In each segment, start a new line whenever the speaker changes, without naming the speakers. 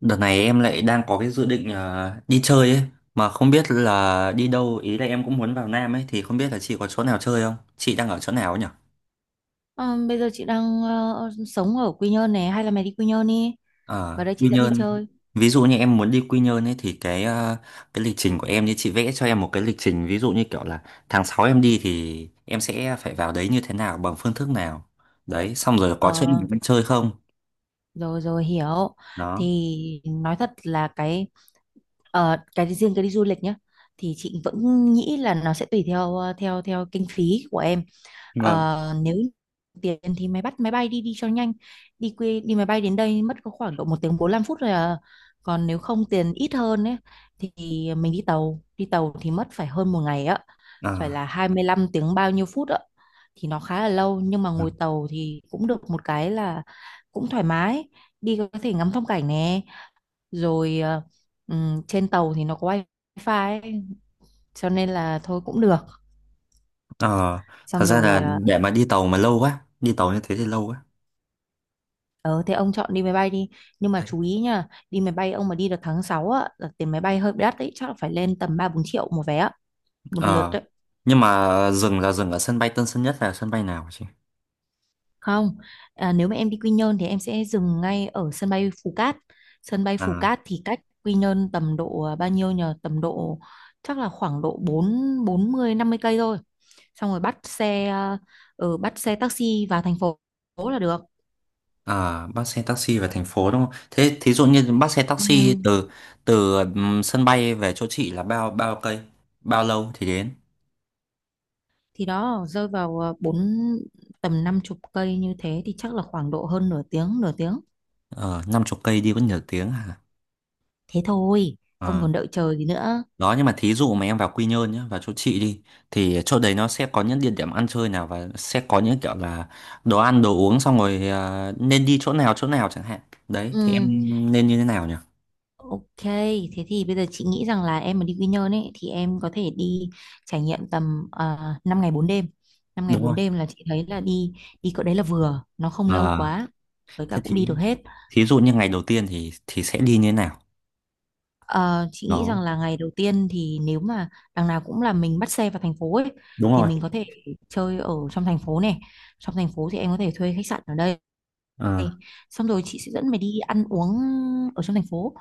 Đợt này em lại đang có cái dự định đi chơi ấy, mà không biết là đi đâu. Ý là em cũng muốn vào Nam ấy, thì không biết là chị có chỗ nào chơi không? Chị đang ở chỗ nào ấy nhỉ?
Ờ, Bây giờ chị đang sống ở Quy Nhơn này, hay là mày đi Quy Nhơn đi,
Ờ,
vào đây
Quy
chị dẫn đi
Nhơn.
chơi.
Ví dụ như em muốn đi Quy Nhơn ấy thì cái cái lịch trình của em, như chị vẽ cho em một cái lịch trình ví dụ như kiểu là tháng 6 em đi thì em sẽ phải vào đấy như thế nào, bằng phương thức nào. Đấy, xong rồi có chỗ
Ờ,
nào mình chơi không?
rồi rồi hiểu.
Đó.
Thì nói thật là cái cái riêng cái đi du lịch nhá, thì chị vẫn nghĩ là nó sẽ tùy theo theo theo kinh phí của em.
Vâng.
Nếu tiền thì mày bắt máy bay đi đi cho nhanh, đi quê đi máy bay đến đây mất có khoảng độ 1 tiếng 45 phút rồi à. Còn nếu không, tiền ít hơn ấy, thì mình đi tàu, đi tàu thì mất phải hơn một ngày á, phải
Ờ.
là 25 tiếng bao nhiêu phút ạ, thì nó khá là lâu. Nhưng mà
Ừ.
ngồi tàu thì cũng được một cái là cũng thoải mái, đi có thể ngắm phong cảnh nè, rồi trên tàu thì nó có wifi ấy, cho nên là thôi cũng được.
Ờ, thật
Xong
ra
rồi
là để mà đi tàu mà lâu quá, đi tàu như thế thì lâu quá.
ờ thế ông chọn đi máy bay đi. Nhưng mà chú ý nha, đi máy bay ông mà đi được tháng 6 á là tiền máy bay hơi đắt đấy, chắc là phải lên tầm 3 4 triệu một vé á, một lượt
Ờ,
đấy.
nhưng mà dừng là dừng ở sân bay Tân Sơn Nhất, là sân bay nào chị?
Không, nếu mà em đi Quy Nhơn thì em sẽ dừng ngay ở sân bay Phú Cát. Sân bay Phú
À,
Cát thì cách Quy Nhơn tầm độ bao nhiêu nhờ, tầm độ chắc là khoảng độ bốn 40 50 cây thôi. Xong rồi bắt xe taxi vào thành phố là được.
à, bắt xe taxi về thành phố đúng không? Thế thí dụ như bắt xe taxi
Ừ.
từ từ sân bay về chỗ chị là bao bao cây? Bao lâu thì đến?
Thì đó rơi vào tầm 50 cây, như thế thì chắc là khoảng độ hơn nửa tiếng, nửa tiếng
Ờ, năm chục cây đi có nhiều tiếng à?
thế thôi, ông
Ờ,
còn đợi chờ gì nữa.
đó nhưng mà thí dụ mà em vào Quy Nhơn nhá, vào chỗ chị đi, thì chỗ đấy nó sẽ có những địa điểm ăn chơi nào, và sẽ có những kiểu là đồ ăn đồ uống, xong rồi nên đi chỗ nào chẳng hạn. Đấy
Ừ,
thì em nên như thế nào nhỉ?
ok, thế thì bây giờ chị nghĩ rằng là em mà đi Quy Nhơn ấy, thì em có thể đi trải nghiệm tầm 5 ngày bốn đêm. năm ngày
Đúng
bốn
rồi.
đêm là chị thấy là đi đi cỡ đấy là vừa, nó không lâu
Ờ.
quá, với cả
Thế
cũng
thì
đi được hết.
thí dụ như ngày đầu tiên thì sẽ đi như thế nào?
Ờ, chị nghĩ rằng
Đó,
là ngày đầu tiên thì nếu mà đằng nào cũng là mình bắt xe vào thành phố ấy,
đúng
thì
rồi.
mình có thể chơi ở trong thành phố này. Trong thành phố thì em có thể thuê khách sạn ở đây
Ờ,
này. Xong rồi chị sẽ dẫn mày đi ăn uống ở trong thành phố.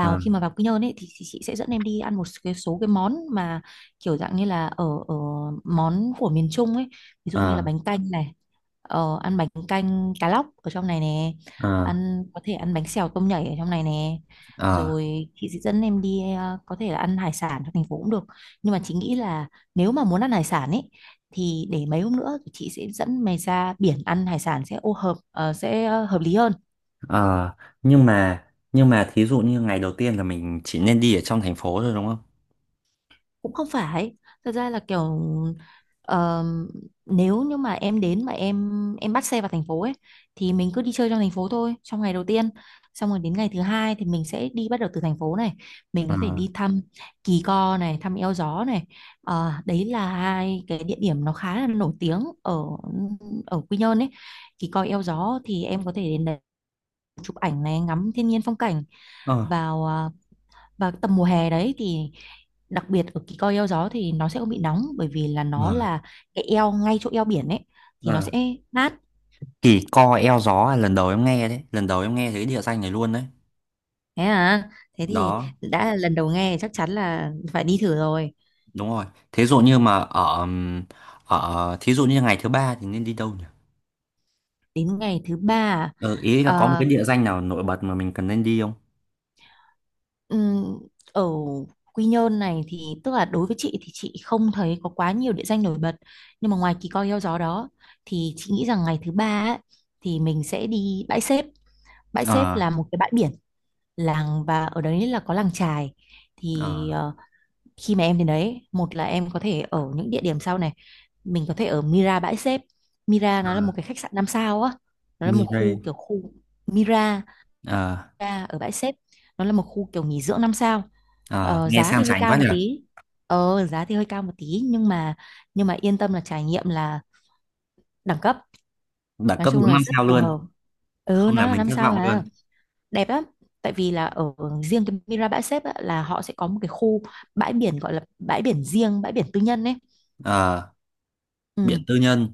ờ,
khi mà vào Quy Nhơn ấy thì chị sẽ dẫn em đi ăn một cái số cái món mà kiểu dạng như là ở ở món của miền Trung ấy, ví dụ như là
ờ,
bánh canh này, ăn bánh canh cá lóc ở trong này nè,
ờ,
ăn có thể ăn bánh xèo tôm nhảy ở trong này nè,
ờ,
rồi chị sẽ dẫn em đi có thể là ăn hải sản trong thành phố cũng được. Nhưng mà chị nghĩ là nếu mà muốn ăn hải sản ấy, thì để mấy hôm nữa thì chị sẽ dẫn mày ra biển ăn hải sản sẽ ô hợp ờ, sẽ ờ, hợp lý hơn.
ờ. Nhưng mà thí dụ như ngày đầu tiên là mình chỉ nên đi ở trong thành phố thôi đúng không?
Cũng không phải, thật ra là kiểu ờ, nếu như mà em đến mà em bắt xe vào thành phố ấy, thì mình cứ đi chơi trong thành phố thôi trong ngày đầu tiên. Xong rồi đến ngày thứ hai thì mình sẽ đi, bắt đầu từ thành phố này mình có
Ờ,
thể đi thăm Kỳ Co này, thăm Eo Gió này. Ờ, đấy là hai cái địa điểm nó khá là nổi tiếng ở ở Quy Nhơn ấy. Kỳ Co Eo Gió thì em có thể đến đấy chụp ảnh này, ngắm thiên nhiên phong cảnh.
ờ,
vào à, Vào tầm mùa hè đấy thì đặc biệt ở cái Coi Eo Gió thì nó sẽ không bị nóng, bởi vì là nó
ờ,
là cái eo ngay chỗ eo biển ấy, thì nó
ờ.
sẽ mát.
Kỳ co eo gió là lần đầu em nghe đấy, lần đầu em nghe thấy địa danh này luôn đấy.
Thế à, thế thì
Đó,
đã là lần đầu nghe chắc chắn là phải đi thử rồi.
đúng rồi. Thí dụ như mà ở ở thí dụ như ngày thứ ba thì nên đi đâu nhỉ?
Đến ngày thứ ba,
Ờ, ý là có một
à,
cái địa danh nào nổi bật mà mình cần nên đi không?
Ừm, ở Quy Nhơn này thì tức là đối với chị thì chị không thấy có quá nhiều địa danh nổi bật, nhưng mà ngoài Kỳ Co Heo Gió đó thì chị nghĩ rằng ngày thứ ba ấy, thì mình sẽ đi Bãi Xếp. Bãi Xếp
Ờ,
là một cái bãi biển làng, và ở đấy là có làng chài.
ờ.
Thì khi mà em đến đấy, một là em có thể ở những địa điểm sau này mình có thể ở Mira Bãi Xếp. Mira
Ờ.
nó là một cái khách sạn 5 sao á, nó là một khu
Mirai.
kiểu khu Mira
Ờ,
Ca ở Bãi Xếp, nó là một khu kiểu nghỉ dưỡng 5 sao.
ờ,
ờ,
nghe
giá thì
sang
hơi
chảnh quá
cao một
nhỉ.
tí giá thì hơi cao một tí, nhưng mà yên tâm là trải nghiệm là đẳng cấp,
Đẳng
nói
cấp
chung
đúng
là
năm
rất
sao
phù
luôn.
hợp. Ừ,
Không
nó
là
là
mình
năm
thất
sao
vọng
mà,
luôn.
đẹp lắm. Tại vì là ở riêng cái Mira Bãi Xếp á, là họ sẽ có một cái khu bãi biển, gọi là bãi biển riêng, bãi biển tư nhân ấy.
Ờ, biện
Ừ.
tư nhân.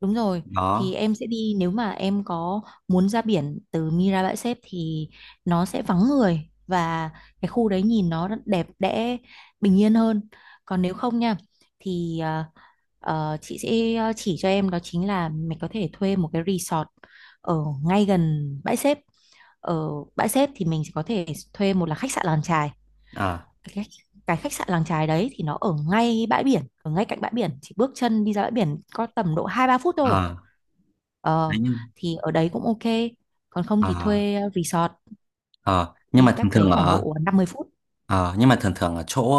Đúng rồi, thì
Đó.
em sẽ đi, nếu mà em có muốn ra biển từ Mira Bãi Xép thì nó sẽ vắng người, và cái khu đấy nhìn nó rất đẹp đẽ, bình yên hơn. Còn nếu không nha, thì chị sẽ chỉ cho em đó chính là mình có thể thuê một cái resort ở ngay gần Bãi Xép. Ở Bãi Xép thì mình sẽ có thể thuê, một là khách sạn làng chài.
Ờ,
Cái, khách- cái khách sạn làng chài đấy thì nó ở ngay bãi biển, ở ngay cạnh bãi biển, chỉ bước chân đi ra bãi biển có tầm độ 2 3 phút thôi.
ờ, đấy
Ờ,
nhưng
thì ở đấy cũng ok. Còn không
ờ,
thì thuê resort
ờ, nhưng mà
đi,
thường
cách đấy
thường
khoảng
ở
độ 50 phút.
ờ, nhưng mà thường thường ở chỗ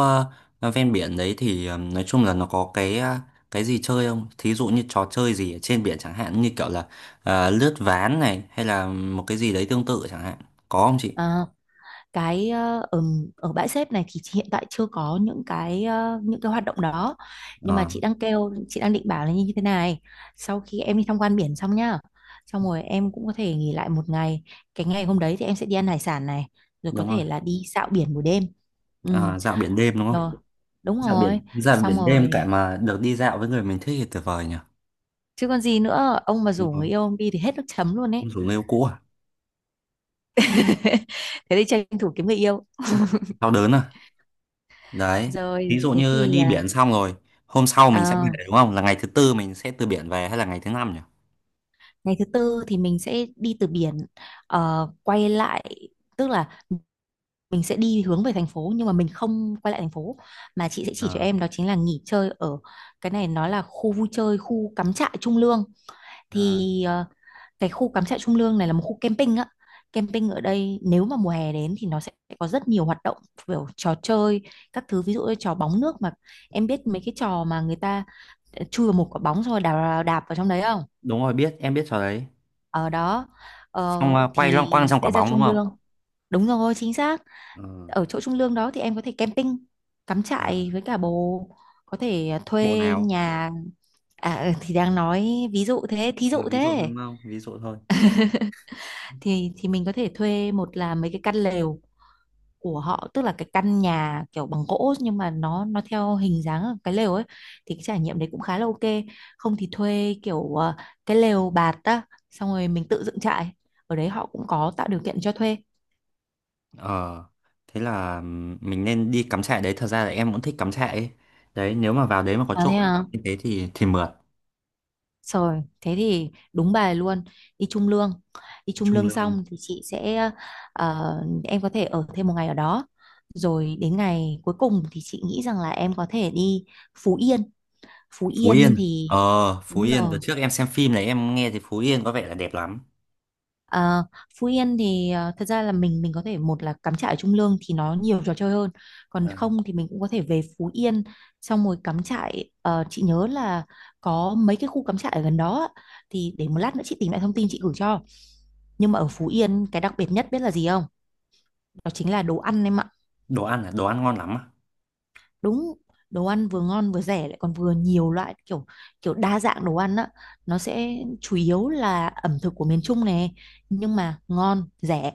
ven biển đấy thì, nói chung là nó có cái cái gì chơi không, thí dụ như trò chơi gì ở trên biển chẳng hạn, như kiểu là lướt ván này, hay là một cái gì đấy tương tự chẳng hạn, có không chị?
Ờ, cái ờ, ở Ở Bãi Xếp này thì chị hiện tại chưa có những cái những cái hoạt động đó. Nhưng mà
Ờ,
chị đang định bảo là như thế này. Sau khi em đi tham quan biển xong nhá, xong rồi em cũng có thể nghỉ lại một ngày. Cái ngày hôm đấy thì em sẽ đi ăn hải sản này, rồi có
đúng rồi.
thể là đi dạo biển buổi đêm. Ừ,
Ờ, dạo biển đêm đúng không?
rồi. Đúng
Dạo
rồi.
biển, dạo
Xong
biển đêm cả
rồi.
mà được đi dạo với người mình thích thì tuyệt vời nhỉ.
Chứ còn gì nữa, ông mà
Đúng
rủ
rồi.
người yêu ông đi thì hết nước chấm luôn ấy.
Không xuống yêu cũ à?
Thế thì tranh thủ kiếm người yêu.
Ừ. Đau đớn à? Đấy. Thí
Rồi
dụ
thế
như
thì
đi biển xong rồi, hôm sau mình sẽ
ờ,
về đúng không? Là ngày thứ tư mình sẽ từ biển về hay là ngày thứ năm nhỉ?
ngày thứ tư thì mình sẽ đi từ biển, quay lại, tức là mình sẽ đi hướng về thành phố, nhưng mà mình không quay lại thành phố, mà chị sẽ chỉ cho
Ờ.
em đó chính là nghỉ chơi ở cái này, nó là khu vui chơi, khu cắm trại Trung Lương.
Ờ.
Thì cái khu cắm trại Trung Lương này là một khu camping á. Camping ở đây nếu mà mùa hè đến thì nó sẽ có rất nhiều hoạt động, kiểu trò chơi các thứ, ví dụ như trò bóng nước mà em biết, mấy cái trò mà người ta chui vào một quả bóng rồi đạp vào trong đấy, không?
Đúng rồi, biết, em biết trò đấy.
Ở đó
Xong
ờ,
à, quay
thì
loanh quanh trong quả
sẽ ra
bóng đúng
Trung
không?
Lương. Đúng rồi, chính xác.
Ờ.
Ở chỗ Trung Lương đó thì em có thể camping, cắm
Ờ.
trại với cả bồ, có thể
Bộ
thuê
nào?
nhà. Thì đang nói ví dụ thế, thí
Ờ,
dụ
ví dụ thôi
thế,
đúng không? Ví dụ thôi.
thì mình có thể thuê, một là mấy cái căn lều của họ, tức là cái căn nhà kiểu bằng gỗ nhưng mà nó theo hình dáng cái lều ấy, thì cái trải nghiệm đấy cũng khá là ok. Không thì thuê kiểu cái lều bạt á, xong rồi mình tự dựng trại, ở đấy họ cũng có tạo điều kiện cho thuê.
Ờ, thế là mình nên đi cắm trại đấy. Thật ra là em cũng thích cắm trại ấy. Đấy, nếu mà vào đấy mà có
À
chỗ
thế
cắm
à?
trại như thế thì mượt.
Rồi thế thì đúng bài luôn, đi Trung Lương. Đi Trung
Trung
Lương
Lương.
xong thì chị sẽ ờ, em có thể ở thêm một ngày ở đó, rồi đến ngày cuối cùng thì chị nghĩ rằng là em có thể đi Phú Yên. Phú
Phú
Yên
Yên.
thì
Ờ, Phú
đúng
Yên đợt
rồi.
trước em xem phim này, em nghe thì Phú Yên có vẻ là đẹp lắm.
Ờ, Phú Yên thì thật ra là mình có thể, một là cắm trại ở Trung Lương thì nó nhiều trò chơi hơn, còn
Ờ,
không thì mình cũng có thể về Phú Yên xong rồi cắm trại. Ờ, chị nhớ là có mấy cái khu cắm trại ở gần đó á. Thì để một lát nữa chị tìm lại thông tin chị gửi cho. Nhưng mà ở Phú Yên cái đặc biệt nhất biết là gì không? Đó chính là đồ ăn em ạ.
đồ ăn là đồ ăn ngon lắm á.
Đúng, đồ ăn vừa ngon vừa rẻ lại còn vừa nhiều loại, kiểu kiểu đa dạng đồ ăn á. Nó sẽ chủ yếu là ẩm thực của miền Trung này, nhưng mà ngon rẻ.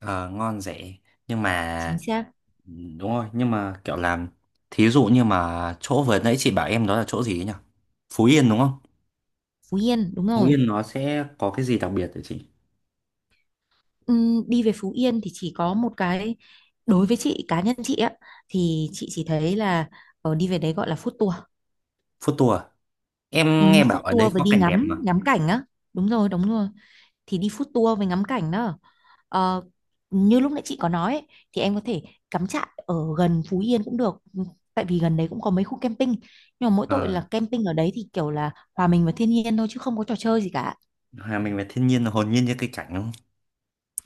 Ờ, ngon rẻ nhưng
Chính
mà,
xác.
ừ, đúng rồi nhưng mà kiểu làm, thí dụ như mà chỗ vừa nãy chị bảo em đó là chỗ gì ấy nhỉ? Phú Yên đúng không?
Phú Yên, đúng
Phú
rồi.
Yên nó sẽ có cái gì đặc biệt hả chị?
Đi về Phú Yên thì chỉ có một cái, đối với chị, cá nhân chị á, thì chị chỉ thấy là đi về đấy gọi là food tour.
Food tour à?
Ừ,
Em nghe
food
bảo ở đấy
tour và
có
đi
cảnh đẹp
ngắm
mà.
ngắm cảnh á, đúng rồi đúng rồi. Thì đi food tour với ngắm cảnh đó. Ờ, như lúc nãy chị có nói ấy, thì em có thể cắm trại ở gần Phú Yên cũng được. Ừ, tại vì gần đấy cũng có mấy khu camping, nhưng mà mỗi tội
Ờ,
là camping ở đấy thì kiểu là hòa mình vào thiên nhiên thôi chứ không có trò chơi gì cả.
hòa mình về thiên nhiên là hồn nhiên như cây cảnh đúng không?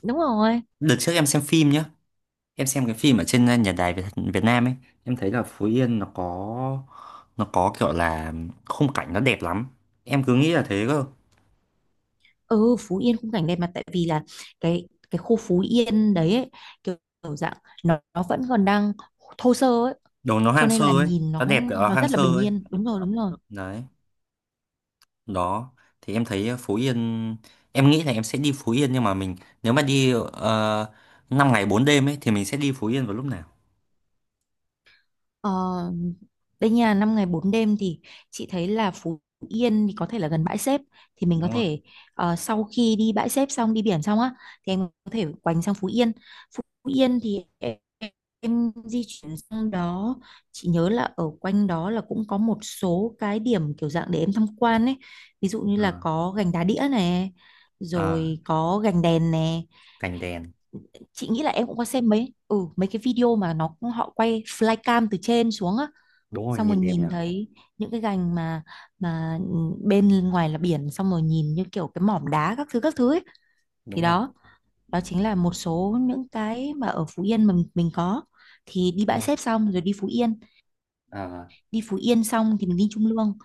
Đúng rồi.
Đợt trước em xem phim nhá, em xem cái phim ở trên nhà đài Việt, Việt Nam ấy, em thấy là Phú Yên nó có, nó có kiểu là khung cảnh nó đẹp lắm. Em cứ nghĩ là thế cơ.
Ừ, Phú Yên khung cảnh đẹp, mà tại vì là cái khu Phú Yên đấy ấy, kiểu, kiểu dạng, nó vẫn còn đang thô sơ ấy,
Đồ nó
cho
hoang
nên
sơ
là
ấy,
nhìn nó
nó đẹp kiểu là
nó
hoang
rất là
sơ
bình
ấy.
yên. Đúng rồi đúng rồi.
Đấy. Đó. Thì em thấy Phú Yên, em nghĩ là em sẽ đi Phú Yên nhưng mà mình, nếu mà đi 5 ngày 4 đêm ấy thì mình sẽ đi Phú Yên vào lúc nào?
Ờ, đây nhà 5 ngày 4 đêm thì chị thấy là Phú Yên thì có thể là gần bãi xếp, thì mình có
Đúng rồi.
thể sau khi đi bãi xếp xong đi biển xong á thì em có thể quành sang Phú Yên. Phú Yên thì em di chuyển sang đó. Chị nhớ là ở quanh đó là cũng có một số cái điểm kiểu dạng để em tham quan ấy. Ví dụ như là
Ờ,
có gành đá đĩa này,
ờ,
rồi có gành đèn nè.
cảnh đèn.
Chị nghĩ là em cũng có xem mấy ừ mấy cái video mà nó họ quay flycam từ trên xuống á,
Đúng rồi
xong rồi
nhìn đẹp nhỉ.
nhìn thấy những cái gành mà bên ngoài là biển, xong rồi nhìn như kiểu cái mỏm đá các thứ ấy. Thì
Đúng rồi
đó, đó chính là một số những cái mà ở Phú Yên mà mình có. Thì đi
đúng
Bãi
rồi.
Xếp xong rồi
Ờ,
đi Phú Yên xong thì mình đi Trung Lương.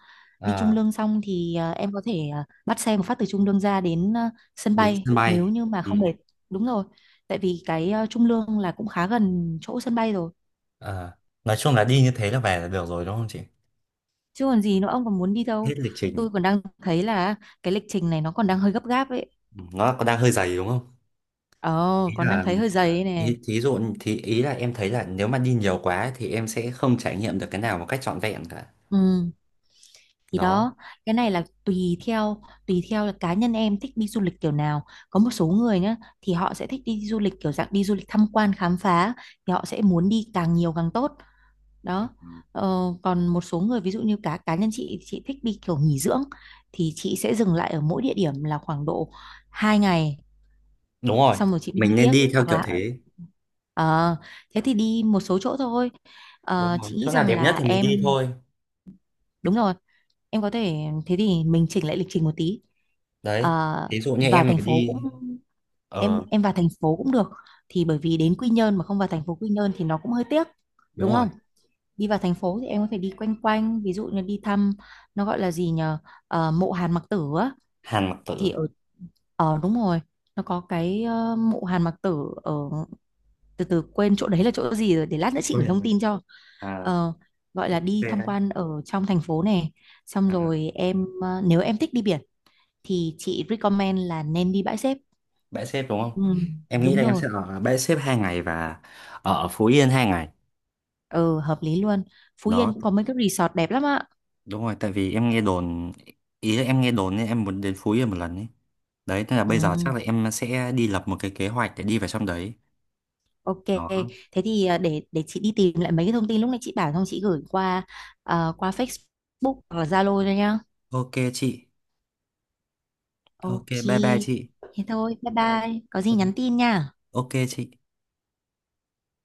Đi Trung
ờ,
Lương xong thì em có thể bắt xe một phát từ Trung Lương ra đến sân
đến
bay
sân
nếu
bay.
như mà
Ừ.
không mệt. Đúng rồi. Tại vì cái Trung Lương là cũng khá gần chỗ sân bay rồi.
À, nói chung là đi như thế là về là được rồi đúng không chị?
Chứ còn gì nữa, ông còn muốn đi đâu?
Hết lịch trình.
Tôi còn đang thấy là cái lịch trình này nó còn đang hơi gấp gáp ấy,
Ừ, nó có đang hơi dày đúng không?
ờ
Ý
còn đang
là,
thấy hơi dày ấy nè.
ý, thí dụ thì ý là em thấy là nếu mà đi nhiều quá thì em sẽ không trải nghiệm được cái nào một cách trọn vẹn cả.
Ừ, thì
Đó.
đó, cái này là tùy theo là cá nhân em thích đi du lịch kiểu nào. Có một số người nhá, thì họ sẽ thích đi du lịch kiểu dạng đi du lịch tham quan khám phá, thì họ sẽ muốn đi càng nhiều càng tốt. Đó.
Ừ.
Ờ, còn một số người ví dụ như cá cá nhân chị thích đi kiểu nghỉ dưỡng, thì chị sẽ dừng lại ở mỗi địa điểm là khoảng độ 2 ngày,
Đúng rồi.
xong rồi chị mới
Mình
đi
nên
tiếp.
đi theo
Hoặc
kiểu
là
thế.
ờ, thế thì đi một số chỗ thôi.
Đúng
Ờ,
rồi.
chị nghĩ
Chỗ nào
rằng
đẹp nhất
là
thì mình đi
em,
thôi.
đúng rồi, em có thể, thế thì mình chỉnh lại lịch trình một tí. Ờ,
Đấy. Thí dụ như
vào
em
thành
mà
phố cũng,
đi,
em
ờ
em vào thành phố cũng được, thì bởi vì đến Quy Nhơn mà không vào thành phố Quy Nhơn thì nó cũng hơi tiếc,
đúng
đúng
rồi.
không? Đi vào thành phố thì em có thể đi quanh quanh, ví dụ như đi thăm, nó gọi là gì nhờ, ờ, mộ Hàn Mặc Tử á.
Hàn Mặc
Thì
Tử.
ở, ờ đúng rồi, nó có cái ờ, mộ Hàn Mặc Tử ở, từ từ quên chỗ đấy là chỗ gì rồi, để lát nữa chị gửi
Ôi,
thông tin cho.
à,
Ờ, gọi là đi
về
tham
đấy.
quan ở trong thành phố này, xong
À,
rồi em nếu em thích đi biển thì chị recommend là nên đi bãi xếp.
bãi xếp đúng không?
Ừ,
Ừ. Em nghĩ
đúng
là em
rồi.
sẽ ở bãi xếp 2 ngày và ở Phú Yên 2 ngày.
Ừ, hợp lý luôn. Phú Yên
Đó.
cũng có mấy cái resort đẹp lắm ạ.
Đúng rồi, tại vì em nghe đồn, ý là em nghe đồn nên em muốn đến Phú Yên một lần ấy. Đấy, thế là bây giờ
Ừ,
chắc là em sẽ đi lập một cái kế hoạch để đi vào trong đấy.
ok.
Đó.
Thế thì ờ, để chị đi tìm lại mấy cái thông tin lúc nãy chị bảo xong chị gửi qua, ờ, qua Facebook hoặc là Zalo cho nhá.
Ok chị. Ok, bye bye
Ok.
chị.
Thế thôi, bye bye, có gì
Ừ,
nhắn tin nha.
ok chị.